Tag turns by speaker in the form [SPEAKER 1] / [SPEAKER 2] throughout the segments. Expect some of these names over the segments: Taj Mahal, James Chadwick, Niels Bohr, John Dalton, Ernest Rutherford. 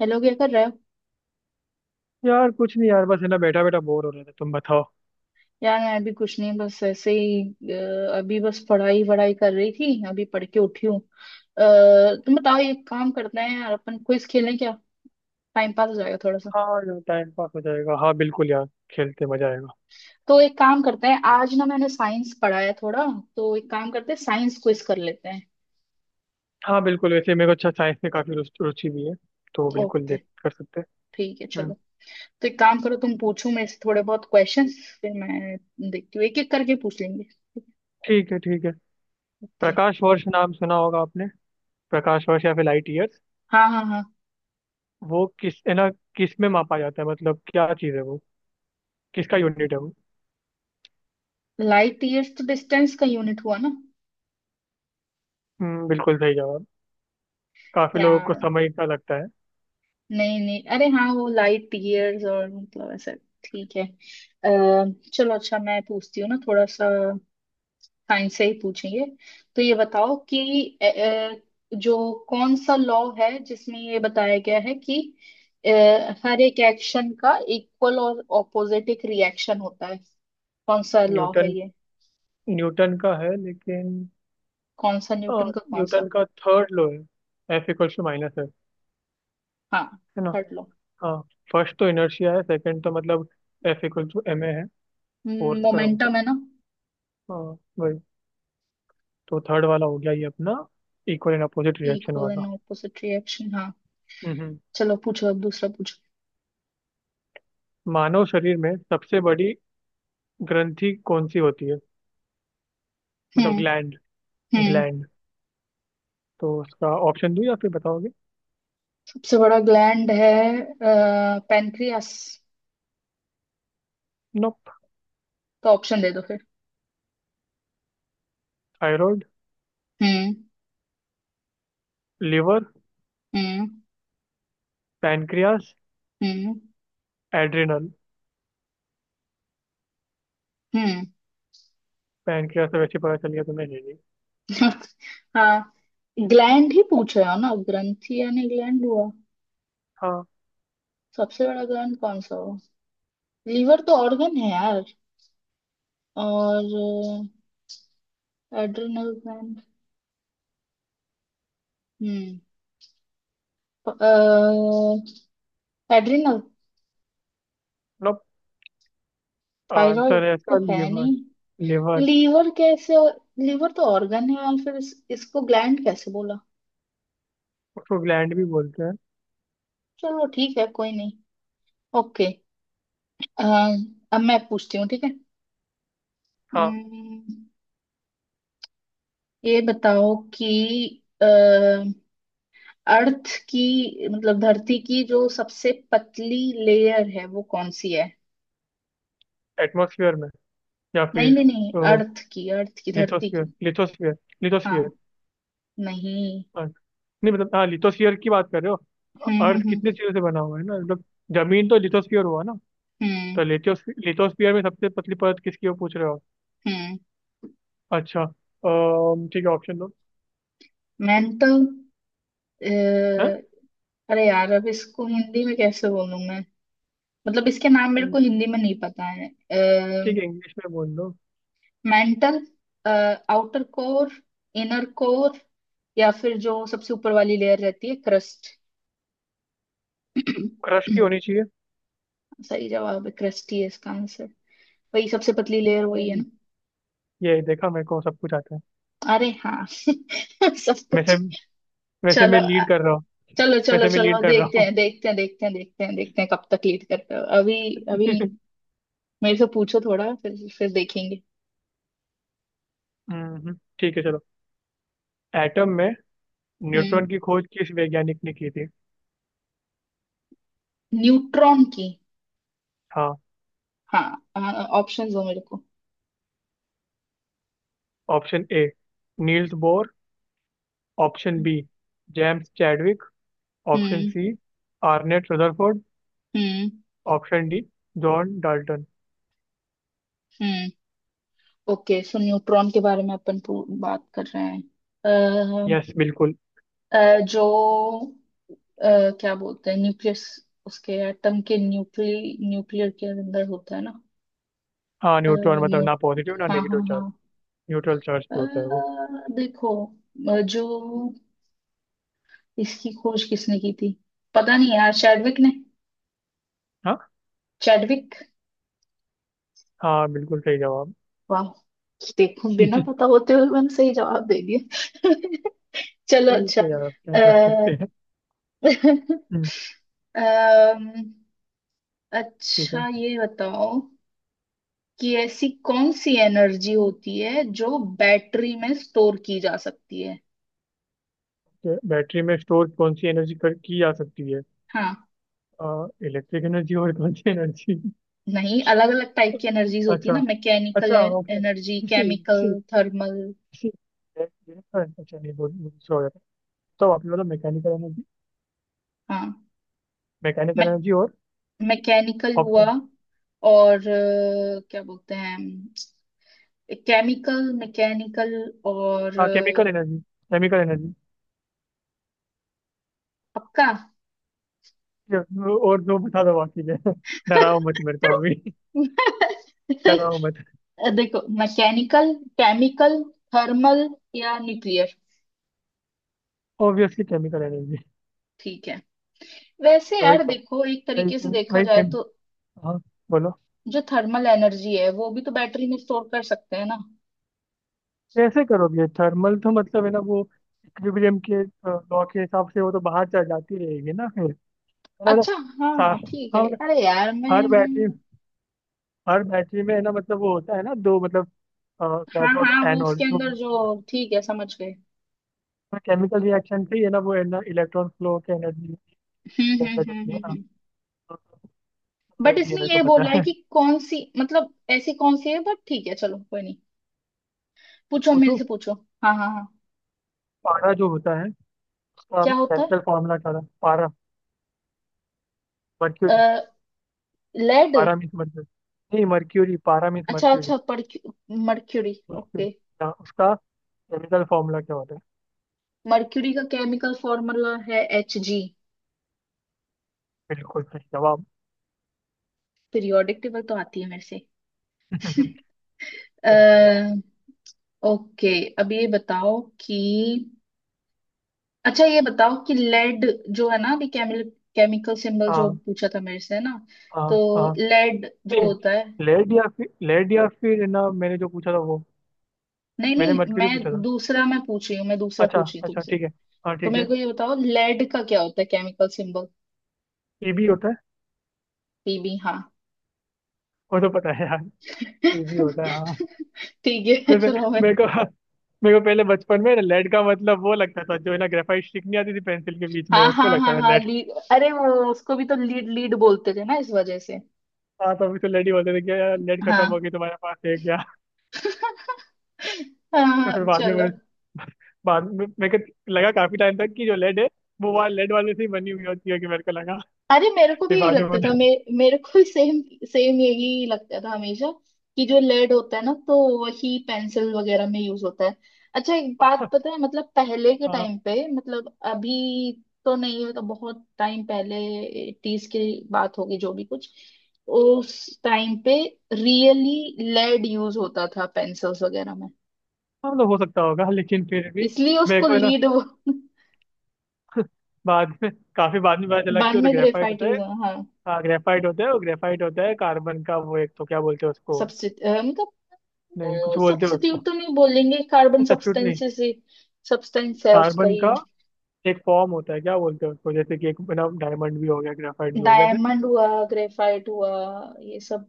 [SPEAKER 1] Hello, क्या कर रहे हो?
[SPEAKER 2] यार कुछ नहीं यार, बस है ना बैठा बैठा बोर हो रहा था। तुम बताओ।
[SPEAKER 1] यार, मैं अभी कुछ नहीं, बस ऐसे ही। अभी बस पढ़ाई वढ़ाई कर रही थी, अभी पढ़ के उठी हूँ। तुम बताओ, एक काम करते हैं यार, अपन क्विज खेलें क्या? टाइम पास हो जाएगा थोड़ा सा।
[SPEAKER 2] हाँ यार, टाइम पास हो जाएगा। हाँ बिल्कुल यार, खेलते मजा आएगा।
[SPEAKER 1] तो एक काम करते हैं, आज ना मैंने साइंस पढ़ा है थोड़ा। तो एक काम करते हैं, साइंस क्विज कर लेते हैं।
[SPEAKER 2] हाँ बिल्कुल। वैसे मेरे को अच्छा, साइंस में काफी रुचि रुचि भी है, तो बिल्कुल
[SPEAKER 1] ओके।
[SPEAKER 2] देख कर सकते
[SPEAKER 1] ठीक है,
[SPEAKER 2] हैं। हम्म।
[SPEAKER 1] चलो। तो एक काम करो, तुम पूछो मेरे से थोड़े बहुत क्वेश्चन। फिर मैं देखती हूँ, एक एक करके पूछ लेंगे।
[SPEAKER 2] ठीक है, ठीक है।
[SPEAKER 1] ओके।
[SPEAKER 2] प्रकाश वर्ष नाम सुना होगा आपने? प्रकाश वर्ष या फिर लाइट ईयर्स।
[SPEAKER 1] हाँ, हाँ, हाँ।
[SPEAKER 2] वो किस, है ना, किस में मापा जाता है? मतलब क्या चीज़ है वो? किसका यूनिट है वो?
[SPEAKER 1] लाइट ईयर्स तो डिस्टेंस का यूनिट हुआ ना।
[SPEAKER 2] हम्म, बिल्कुल सही जवाब। काफी लोगों को
[SPEAKER 1] यार,
[SPEAKER 2] समय का लगता है।
[SPEAKER 1] नहीं नहीं, अरे हाँ वो लाइट ईयर्स और मतलब ऐसा। ठीक है। अः चलो अच्छा, मैं पूछती हूँ ना थोड़ा सा। साइंस से ही पूछेंगे। तो ये बताओ कि अ, जो कौन सा लॉ है जिसमें ये बताया गया है कि अ, हर एक एक्शन का इक्वल और ऑपोजिट एक रिएक्शन होता है। कौन सा लॉ है
[SPEAKER 2] न्यूटन।
[SPEAKER 1] ये?
[SPEAKER 2] न्यूटन का है, लेकिन।
[SPEAKER 1] कौन सा?
[SPEAKER 2] अ,
[SPEAKER 1] न्यूटन का कौन
[SPEAKER 2] न्यूटन
[SPEAKER 1] सा?
[SPEAKER 2] का थर्ड लॉ है। एफ इक्वल्स टू माइनस है
[SPEAKER 1] हाँ।
[SPEAKER 2] है ना?
[SPEAKER 1] Third law.
[SPEAKER 2] हाँ। फर्स्ट तो इनर्शिया है, सेकंड तो मतलब F equal to M A है, फोर्स का है वो तो।
[SPEAKER 1] मोमेंटम है ना।
[SPEAKER 2] हाँ, वही। तो थर्ड वाला हो गया ये अपना, equal and opposite reaction
[SPEAKER 1] equal
[SPEAKER 2] वाला।
[SPEAKER 1] And opposite reaction. हाँ।
[SPEAKER 2] हम्म,
[SPEAKER 1] चलो, पूछो, अब दूसरा पूछो।
[SPEAKER 2] मानव शरीर में सबसे बड़ी ग्रंथि कौन सी होती है? मतलब
[SPEAKER 1] हम्म।
[SPEAKER 2] ग्लैंड।
[SPEAKER 1] हम्म।
[SPEAKER 2] ग्लैंड। तो उसका ऑप्शन दूं या फिर बताओगे?
[SPEAKER 1] सबसे बड़ा ग्लैंड है पेनक्रियास।
[SPEAKER 2] नोप।
[SPEAKER 1] तो ऑप्शन दे दो फिर।
[SPEAKER 2] थायराइड।
[SPEAKER 1] हम्म।
[SPEAKER 2] लिवर।
[SPEAKER 1] हम्म।
[SPEAKER 2] पैनक्रियास।
[SPEAKER 1] हम्म।
[SPEAKER 2] एड्रिनल।
[SPEAKER 1] हम्म।
[SPEAKER 2] पैनक्रियास तो वैसे ही पता चल गया तुम्हें, ये नहीं।
[SPEAKER 1] हाँ। ग्लैंड ही पूछ रहे हो ना, ग्रंथि यानी ग्लैंड हुआ।
[SPEAKER 2] हाँ।
[SPEAKER 1] सबसे बड़ा ग्लैंड कौन सा हुआ? लीवर तो ऑर्गन है यार। और एड्रिनल ग्लैंड। हम्म। एड्रिनल।
[SPEAKER 2] नोप।
[SPEAKER 1] थायराइड।
[SPEAKER 2] आंसर है
[SPEAKER 1] तो
[SPEAKER 2] इसका
[SPEAKER 1] है
[SPEAKER 2] लिवर।
[SPEAKER 1] नहीं।
[SPEAKER 2] लिवर।
[SPEAKER 1] लीवर कैसे? लीवर तो ऑर्गन है और फिर इसको ग्लैंड कैसे बोला?
[SPEAKER 2] उसको ग्लैंड भी बोलते हैं।
[SPEAKER 1] चलो ठीक है, कोई नहीं। ओके। अ, अब मैं पूछती हूँ, ठीक है?
[SPEAKER 2] हाँ।
[SPEAKER 1] अम्म, ये बताओ कि अ, अर्थ की, मतलब धरती की जो सबसे पतली लेयर है वो कौन सी है?
[SPEAKER 2] एटमोसफियर में, या
[SPEAKER 1] नहीं
[SPEAKER 2] फिर
[SPEAKER 1] नहीं नहीं, अर्थ की, अर्थ की, धरती
[SPEAKER 2] लिथोस्फीयर
[SPEAKER 1] की।
[SPEAKER 2] लिथोस्फीयर
[SPEAKER 1] हाँ।
[SPEAKER 2] लिथोस्फीयर।
[SPEAKER 1] नहीं।
[SPEAKER 2] हाँ। नहीं, मतलब हाँ, लिथोस्फीयर की बात कर रहे हो।
[SPEAKER 1] हम्म,
[SPEAKER 2] अर्थ
[SPEAKER 1] हम्म, हम्म,
[SPEAKER 2] कितने चीजों से बना हुआ है ना, मतलब जमीन तो लिथोस्फीयर हुआ ना। तो
[SPEAKER 1] हम्म,
[SPEAKER 2] लिथोस्फीयर लिथोस्फीयर में सबसे पतली परत किसकी हो, पूछ रहे हो?
[SPEAKER 1] हम्म।
[SPEAKER 2] अच्छा, ठीक है, ऑप्शन दो।
[SPEAKER 1] मैंने तो अ,
[SPEAKER 2] है।
[SPEAKER 1] अरे यार, अब इसको हिंदी में कैसे बोलूं मैं? मतलब, इसके नाम मेरे
[SPEAKER 2] ठीक
[SPEAKER 1] को हिंदी में नहीं पता है।
[SPEAKER 2] है, इंग्लिश में बोल दो।
[SPEAKER 1] Mantle, outer core, inner core, या फिर जो सबसे ऊपर वाली लेयर रहती है, क्रस्ट।
[SPEAKER 2] क्रस्ट ही होनी चाहिए।
[SPEAKER 1] सही जवाब है, क्रस्ट ही है इसका आंसर। वही सबसे पतली लेयर, वही है
[SPEAKER 2] हम्म।
[SPEAKER 1] ना।
[SPEAKER 2] ये देखा मेरे को सब कुछ आता है
[SPEAKER 1] अरे हाँ, सब कुछ।
[SPEAKER 2] वैसे। वैसे
[SPEAKER 1] चलो
[SPEAKER 2] मैं लीड कर रहा हूँ।
[SPEAKER 1] चलो चलो
[SPEAKER 2] वैसे मैं
[SPEAKER 1] चलो,
[SPEAKER 2] लीड कर रहा
[SPEAKER 1] देखते
[SPEAKER 2] हूँ।
[SPEAKER 1] हैं देखते हैं देखते हैं देखते हैं देखते हैं कब तक लीड करते हो अभी। अभी मेरे से पूछो थोड़ा, फिर देखेंगे।
[SPEAKER 2] ठीक है चलो। एटम में
[SPEAKER 1] हम्म।
[SPEAKER 2] न्यूट्रॉन की खोज किस वैज्ञानिक ने की थी?
[SPEAKER 1] न्यूट्रॉन की।
[SPEAKER 2] हाँ।
[SPEAKER 1] हाँ, ऑप्शन दो मेरे को।
[SPEAKER 2] Option A, Niels Bohr. Option B, James Chadwick. Option
[SPEAKER 1] hmm.
[SPEAKER 2] C, Ernest Rutherford.
[SPEAKER 1] Hmm.
[SPEAKER 2] Option D, John Dalton.
[SPEAKER 1] Hmm. Okay, so neutron के बारे में अपन बात कर रहे हैं।
[SPEAKER 2] यस बिल्कुल।
[SPEAKER 1] जो, अ, क्या बोलते हैं, न्यूक्लियस। उसके एटम के न्यूक्ली न्यूक्लियर के अंदर होता है ना।
[SPEAKER 2] हाँ,
[SPEAKER 1] अ,
[SPEAKER 2] न्यूट्रॉन मतलब
[SPEAKER 1] न्यू
[SPEAKER 2] ना पॉजिटिव ना
[SPEAKER 1] हाँ,
[SPEAKER 2] नेगेटिव
[SPEAKER 1] हाँ,
[SPEAKER 2] चार्ज,
[SPEAKER 1] हाँ।
[SPEAKER 2] न्यूट्रल चार्ज पे होता है
[SPEAKER 1] अ,
[SPEAKER 2] वो।
[SPEAKER 1] देखो, जो इसकी खोज किसने की थी? पता नहीं यार, चैडविक ने।
[SPEAKER 2] हाँ।
[SPEAKER 1] चैडविक।
[SPEAKER 2] हाँ बिल्कुल सही जवाब।
[SPEAKER 1] वाह। देखो, बिना पता होते हुए मैंने सही जवाब दे दिया। चलो
[SPEAKER 2] ठीक
[SPEAKER 1] अच्छा
[SPEAKER 2] है यार, अब क्या
[SPEAKER 1] अ,
[SPEAKER 2] कर सकते हैं? हम्म,
[SPEAKER 1] अम,
[SPEAKER 2] ठीक है।
[SPEAKER 1] अच्छा ये बताओ कि ऐसी कौन सी एनर्जी होती है जो बैटरी में स्टोर की जा सकती है?
[SPEAKER 2] तो बैटरी में स्टोर कौन सी एनर्जी कर की जा सकती है?
[SPEAKER 1] हाँ।
[SPEAKER 2] इलेक्ट्रिक एनर्जी और कौन सी एनर्जी?
[SPEAKER 1] नहीं, अलग अलग टाइप की एनर्जीज होती है
[SPEAKER 2] अच्छा,
[SPEAKER 1] ना, मैकेनिकल
[SPEAKER 2] अच्छा, okay.
[SPEAKER 1] Energy,
[SPEAKER 2] DC,
[SPEAKER 1] chemical,
[SPEAKER 2] DC,
[SPEAKER 1] thermal.
[SPEAKER 2] DC. अच्छा नहीं, बोल, सॉरी। तो आपने बोला मैकेनिकल एनर्जी।
[SPEAKER 1] हाँ।
[SPEAKER 2] मैकेनिकल
[SPEAKER 1] मे,
[SPEAKER 2] एनर्जी और?
[SPEAKER 1] मैकेनिकल हुआ।
[SPEAKER 2] ऑप्शन?
[SPEAKER 1] और क्या बोलते हैं, केमिकल, मैकेनिकल। और
[SPEAKER 2] हाँ, केमिकल
[SPEAKER 1] अ,
[SPEAKER 2] एनर्जी। केमिकल एनर्जी
[SPEAKER 1] पक्का?
[SPEAKER 2] और दो बता दो बाकी के। डराओ मत मेरे तो अभी। डराओ मत।
[SPEAKER 1] देखो, मैकेनिकल, केमिकल, थर्मल, या न्यूक्लियर।
[SPEAKER 2] Obviously chemical energy.
[SPEAKER 1] ठीक है। वैसे
[SPEAKER 2] वही
[SPEAKER 1] यार
[SPEAKER 2] क्या?
[SPEAKER 1] देखो, एक तरीके से
[SPEAKER 2] वही
[SPEAKER 1] देखा
[SPEAKER 2] वही
[SPEAKER 1] जाए
[SPEAKER 2] केम
[SPEAKER 1] तो
[SPEAKER 2] हाँ, बोलो।
[SPEAKER 1] जो थर्मल एनर्जी है वो भी तो बैटरी में स्टोर कर सकते हैं ना?
[SPEAKER 2] कैसे करोगे? थर्मल तो मतलब है ना वो, इक्विलिब्रियम के लॉ के हिसाब से वो तो बाहर चल जाती रहेगी ना फिर, है ना मतलब।
[SPEAKER 1] अच्छा।
[SPEAKER 2] हाँ।
[SPEAKER 1] हाँ ठीक है,
[SPEAKER 2] हाँ, मतलब
[SPEAKER 1] अरे यार मैं
[SPEAKER 2] हर
[SPEAKER 1] मैं
[SPEAKER 2] बैटरी। हर बैटरी में है ना मतलब वो होता है ना दो, मतलब
[SPEAKER 1] हाँ,
[SPEAKER 2] कैथोड
[SPEAKER 1] हाँ, वो उसके
[SPEAKER 2] एनोड तो
[SPEAKER 1] अंदर
[SPEAKER 2] वो
[SPEAKER 1] जो, ठीक है, समझ गए।
[SPEAKER 2] केमिकल रिएक्शन पे ही है ना, वो है ना इलेक्ट्रॉन फ्लो के एनर्जी
[SPEAKER 1] हम्म, हम्म,
[SPEAKER 2] जनरेट
[SPEAKER 1] हम्म,
[SPEAKER 2] होती है
[SPEAKER 1] हम्म,
[SPEAKER 2] ना, तो।
[SPEAKER 1] बट
[SPEAKER 2] एनर्जी है,
[SPEAKER 1] इसमें
[SPEAKER 2] मेरे को
[SPEAKER 1] ये बोल
[SPEAKER 2] पता
[SPEAKER 1] रहा है
[SPEAKER 2] है।
[SPEAKER 1] कि कौन सी, मतलब ऐसी कौन सी है, बट ठीक है चलो कोई नहीं।
[SPEAKER 2] तो
[SPEAKER 1] पूछो, मेरे
[SPEAKER 2] पूछो।
[SPEAKER 1] से पूछो। हाँ, हाँ, हाँ।
[SPEAKER 2] पारा जो होता है, उसका
[SPEAKER 1] क्या होता
[SPEAKER 2] केमिकल फॉर्मूला क्या था? पारा? मर्क्यूरी।
[SPEAKER 1] है? लेड।
[SPEAKER 2] पारा मीन्स मर्क्यूरी। नहीं मर्क्यूरी, पारा मीन्स
[SPEAKER 1] अच्छा,
[SPEAKER 2] मर्क्यूरी।
[SPEAKER 1] अच्छा। Mercury, okay.
[SPEAKER 2] मर्क्यूरी, हाँ, उसका केमिकल फॉर्मूला क्या होता है?
[SPEAKER 1] मर्क्यूरी का केमिकल फॉर्मूला है Hg।
[SPEAKER 2] बिल्कुल सही जवाब।
[SPEAKER 1] पीरियोडिक टेबल तो आती है मेरे से।
[SPEAKER 2] सही है।
[SPEAKER 1] अः ओके। अब ये बताओ कि अच्छा, ये बताओ कि लेड जो है ना, अभी केमिकल, केमिकल सिंबल जो
[SPEAKER 2] हाँ,
[SPEAKER 1] पूछा था मेरे से, है ना?
[SPEAKER 2] हाँ,
[SPEAKER 1] तो
[SPEAKER 2] हाँ।
[SPEAKER 1] लेड जो
[SPEAKER 2] नहीं,
[SPEAKER 1] होता है,
[SPEAKER 2] लेड या फिर लेड, या फिर है ना, मैंने जो पूछा था वो।
[SPEAKER 1] नहीं
[SPEAKER 2] मैंने
[SPEAKER 1] नहीं,
[SPEAKER 2] मर्क्यूरी पूछा
[SPEAKER 1] मैं
[SPEAKER 2] था।
[SPEAKER 1] दूसरा, मैं पूछ रही हूँ, मैं दूसरा
[SPEAKER 2] अच्छा,
[SPEAKER 1] पूछ रही हूँ
[SPEAKER 2] अच्छा,
[SPEAKER 1] तुमसे।
[SPEAKER 2] ठीक है। हाँ,
[SPEAKER 1] तो
[SPEAKER 2] ठीक
[SPEAKER 1] मेरे
[SPEAKER 2] है।
[SPEAKER 1] को ये बताओ, लेड का क्या होता है केमिकल सिंबल?
[SPEAKER 2] ई होता है।
[SPEAKER 1] Pb। हाँ।
[SPEAKER 2] वो तो पता है यार। ये भी होता है, हाँ।
[SPEAKER 1] ठीक है
[SPEAKER 2] जैसे
[SPEAKER 1] चलो, मैं।
[SPEAKER 2] मेरे को मेरे को पहले बचपन में ना, लेड का मतलब वो लगता था, जो है ना ग्रेफाइट स्टिक नहीं आती थी पेंसिल के बीच में,
[SPEAKER 1] हाँ, हाँ,
[SPEAKER 2] उसको
[SPEAKER 1] हाँ,
[SPEAKER 2] लगता था
[SPEAKER 1] हाँ,
[SPEAKER 2] लेड।
[SPEAKER 1] लीड, अरे वो उसको भी तो लीड लीड बोलते थे ना इस वजह से।
[SPEAKER 2] हाँ, तो फिर तो लेड ही बोलते थे कि यार, लेड खत्म
[SPEAKER 1] हाँ।
[SPEAKER 2] हो गई, तुम्हारे पास है क्या? तो फिर
[SPEAKER 1] हाँ,
[SPEAKER 2] बाद में मैंने।
[SPEAKER 1] चलो।
[SPEAKER 2] बाद में मेरे को लगा काफी टाइम तक कि जो लेड है, वो वाला लेड वाले से ही बनी हुई होती है, कि मेरे को लगा।
[SPEAKER 1] अरे मेरे को भी
[SPEAKER 2] फिर
[SPEAKER 1] यही
[SPEAKER 2] बाद में
[SPEAKER 1] लगता था
[SPEAKER 2] मैंने।
[SPEAKER 1] मे, मेरे को भी सेम, सेम यही लगता था हमेशा, कि जो लेड होता है ना तो वही पेंसिल वगैरह में यूज होता है। अच्छा एक बात,
[SPEAKER 2] हाँ,
[SPEAKER 1] पता है, मतलब पहले के
[SPEAKER 2] हाँ,
[SPEAKER 1] टाइम पे, मतलब अभी तो नहीं है तो बहुत टाइम पहले, 80s की बात होगी, जो भी कुछ, उस टाइम पे रियली लेड यूज होता था पेंसिल्स वगैरह में।
[SPEAKER 2] मतलब हो सकता होगा लेकिन फिर भी।
[SPEAKER 1] इसलिए
[SPEAKER 2] मेरे
[SPEAKER 1] उसको
[SPEAKER 2] को है ना
[SPEAKER 1] लीड।
[SPEAKER 2] बाद में, काफी बाद में पता चला
[SPEAKER 1] बाद
[SPEAKER 2] कि वो तो
[SPEAKER 1] में
[SPEAKER 2] ग्रेफाइट
[SPEAKER 1] ग्रेफाइट
[SPEAKER 2] होता
[SPEAKER 1] यूज,
[SPEAKER 2] है।
[SPEAKER 1] हाँ।
[SPEAKER 2] हाँ, ग्रेफाइट होता है। वो ग्रेफाइट होता है कार्बन का, वो एक तो क्या बोलते हैं उसको?
[SPEAKER 1] सबसे,
[SPEAKER 2] नहीं, कुछ बोलते हो
[SPEAKER 1] सब्स्टिट्यूट
[SPEAKER 2] उसको।
[SPEAKER 1] तो नहीं बोलेंगे, कार्बन
[SPEAKER 2] सब्स्टिट्यूट नहीं।
[SPEAKER 1] सब्सटेंसेस ही। सब्सटेंस है उसका
[SPEAKER 2] कार्बन का
[SPEAKER 1] ही।
[SPEAKER 2] एक फॉर्म होता है, क्या बोलते हैं उसको? जैसे कि एक ना, डायमंड भी हो गया, ग्रेफाइट भी हो गया ऐसे।
[SPEAKER 1] डायमंड हुआ, ग्रेफाइट हुआ, ये सब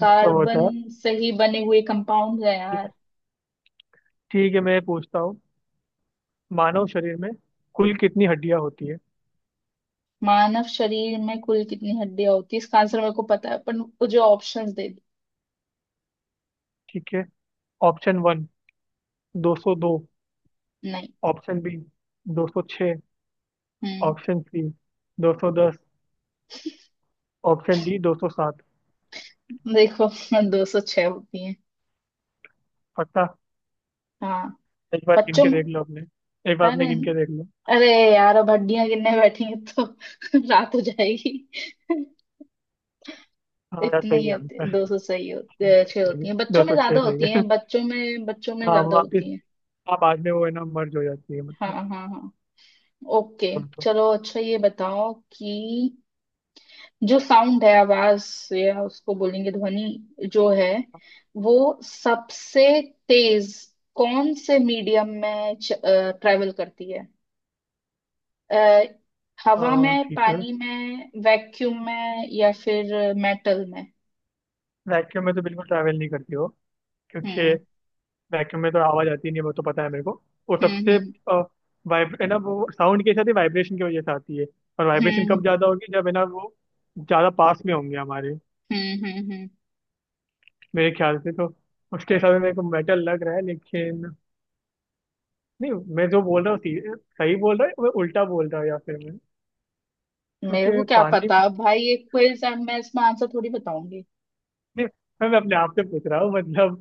[SPEAKER 2] वो सब होता
[SPEAKER 1] कार्बन
[SPEAKER 2] है।
[SPEAKER 1] से ही बने हुए कंपाउंड है
[SPEAKER 2] ठीक
[SPEAKER 1] यार।
[SPEAKER 2] है, ठीक है मैं पूछता हूँ। मानव शरीर में कुल कितनी हड्डियां होती है?
[SPEAKER 1] मानव शरीर में कुल कितनी हड्डियां होती है, इसका आंसर मेरे को पता है, पर वो जो ऑप्शंस दे दी।
[SPEAKER 2] ठीक है। Option one, 202।
[SPEAKER 1] नहीं।
[SPEAKER 2] Option B, 206।
[SPEAKER 1] हम्म।
[SPEAKER 2] ऑप्शन सी, 210। Option D, 207।
[SPEAKER 1] देखो, 206 होती है।
[SPEAKER 2] पक्का?
[SPEAKER 1] हाँ।
[SPEAKER 2] एक बार गिन
[SPEAKER 1] बच्चों
[SPEAKER 2] के
[SPEAKER 1] में।
[SPEAKER 2] देख लो अपने। एक बार
[SPEAKER 1] अरे।
[SPEAKER 2] अपने गिन के देख लो।
[SPEAKER 1] अरे यार, अब हड्डियां गिनने बैठेंगे तो रात हो जाएगी।
[SPEAKER 2] हाँ यार
[SPEAKER 1] इतनी ही
[SPEAKER 2] सही है
[SPEAKER 1] होती,
[SPEAKER 2] आंसर।
[SPEAKER 1] 200 सही होती है, छह
[SPEAKER 2] सही
[SPEAKER 1] होती
[SPEAKER 2] है,
[SPEAKER 1] है, बच्चों
[SPEAKER 2] दो
[SPEAKER 1] में
[SPEAKER 2] सौ छः
[SPEAKER 1] ज्यादा
[SPEAKER 2] सही
[SPEAKER 1] होती
[SPEAKER 2] है।
[SPEAKER 1] है, बच्चों में
[SPEAKER 2] हाँ
[SPEAKER 1] ज्यादा
[SPEAKER 2] वापिस।
[SPEAKER 1] होती है।
[SPEAKER 2] हाँ, बाद में वो है ना मर्ज हो जाती है
[SPEAKER 1] हाँ,
[SPEAKER 2] मतलब।
[SPEAKER 1] हाँ, हाँ। ओके।
[SPEAKER 2] बोलो तो।
[SPEAKER 1] चलो अच्छा, ये बताओ कि जो साउंड है, आवाज, या उसको बोलेंगे ध्वनि जो है, वो सबसे तेज कौन से मीडियम में ट्रेवल करती है? अ, हवा में,
[SPEAKER 2] ठीक है।
[SPEAKER 1] पानी में, वैक्यूम में, या फिर मेटल में?
[SPEAKER 2] वैक्यूम में तो बिल्कुल ट्रैवल नहीं करती हो, क्योंकि
[SPEAKER 1] हम्म,
[SPEAKER 2] वैक्यूम में तो आवाज आती नहीं है, वो तो पता है मेरे को। वो
[SPEAKER 1] हम्म,
[SPEAKER 2] सबसे
[SPEAKER 1] हम्म,
[SPEAKER 2] वाइब है ना वो, साउंड के साथ ही वाइब्रेशन की वजह से आती है। और वाइब्रेशन कब
[SPEAKER 1] हम्म,
[SPEAKER 2] ज्यादा होगी? जब है ना वो ज्यादा पास में होंगे हमारे।
[SPEAKER 1] हम्म, हम्म, हम्म।
[SPEAKER 2] मेरे ख्याल से तो, उसके हिसाब से मेरे को मेटल लग रहा है, लेकिन। नहीं, मैं जो बोल रहा हूँ सही बोल रहा है मैं, उल्टा बोल रहा हूँ या फिर मैं?
[SPEAKER 1] मेरे को
[SPEAKER 2] क्योंकि
[SPEAKER 1] क्या
[SPEAKER 2] पानी,
[SPEAKER 1] पता भाई, ये क्विज है, मैं इसमें आंसर थोड़ी बताऊंगी।
[SPEAKER 2] नहीं, मैं अपने आप से पूछ रहा हूँ मतलब।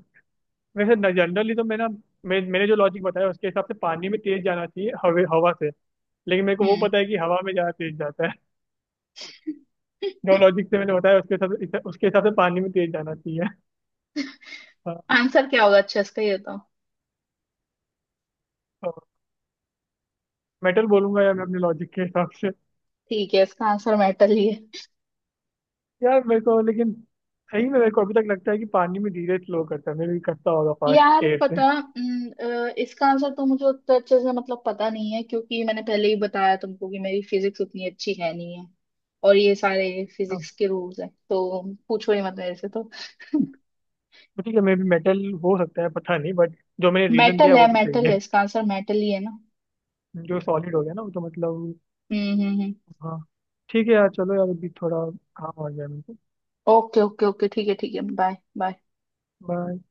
[SPEAKER 2] वैसे जनरली तो मैं ना, मैंने जो लॉजिक बताया उसके हिसाब से पानी में तेज जाना चाहिए हवे हवा से। लेकिन मेरे को वो
[SPEAKER 1] हम्म।
[SPEAKER 2] पता है कि हवा में ज्यादा तेज जाता है। जो लॉजिक से मैंने बताया उसके हिसाब से पानी में तेज जाना चाहिए। हाँ।
[SPEAKER 1] आंसर क्या होगा अच्छा इसका, ये बताओ।
[SPEAKER 2] तो मेटल बोलूंगा यार मैं अपने लॉजिक के हिसाब से।
[SPEAKER 1] ठीक है, इसका आंसर मेटल ही है।
[SPEAKER 2] यार मेरे को लेकिन, सही में मेरे को अभी तक लगता है कि पानी में धीरे स्लो करता है, मैं भी करता होगा फास्ट
[SPEAKER 1] यार
[SPEAKER 2] एयर से।
[SPEAKER 1] पता, इसका आंसर तो मुझे उतना अच्छे से, मतलब, पता नहीं है, क्योंकि मैंने पहले ही बताया तुमको कि मेरी फिजिक्स उतनी अच्छी है नहीं है। और ये सारे
[SPEAKER 2] हाँ,
[SPEAKER 1] फिजिक्स के रूल्स हैं, तो पूछो ही मत मेरे से तो।
[SPEAKER 2] तो ठीक है मे भी मेटल हो सकता है पता नहीं, बट जो मैंने रीजन
[SPEAKER 1] मेटल
[SPEAKER 2] दिया
[SPEAKER 1] है,
[SPEAKER 2] वो तो सही
[SPEAKER 1] मेटल
[SPEAKER 2] है।
[SPEAKER 1] है, इसका आंसर मेटल ही है ना।
[SPEAKER 2] जो सॉलिड हो गया ना वो तो मतलब।
[SPEAKER 1] हम्म, हम्म, हम्म।
[SPEAKER 2] हाँ। ठीक है यार, चलो यार। अभी थोड़ा काम आ गया मेरे को।
[SPEAKER 1] ओके, ओके, ओके, ठीक है, ठीक है, बाय बाय।
[SPEAKER 2] कर दो।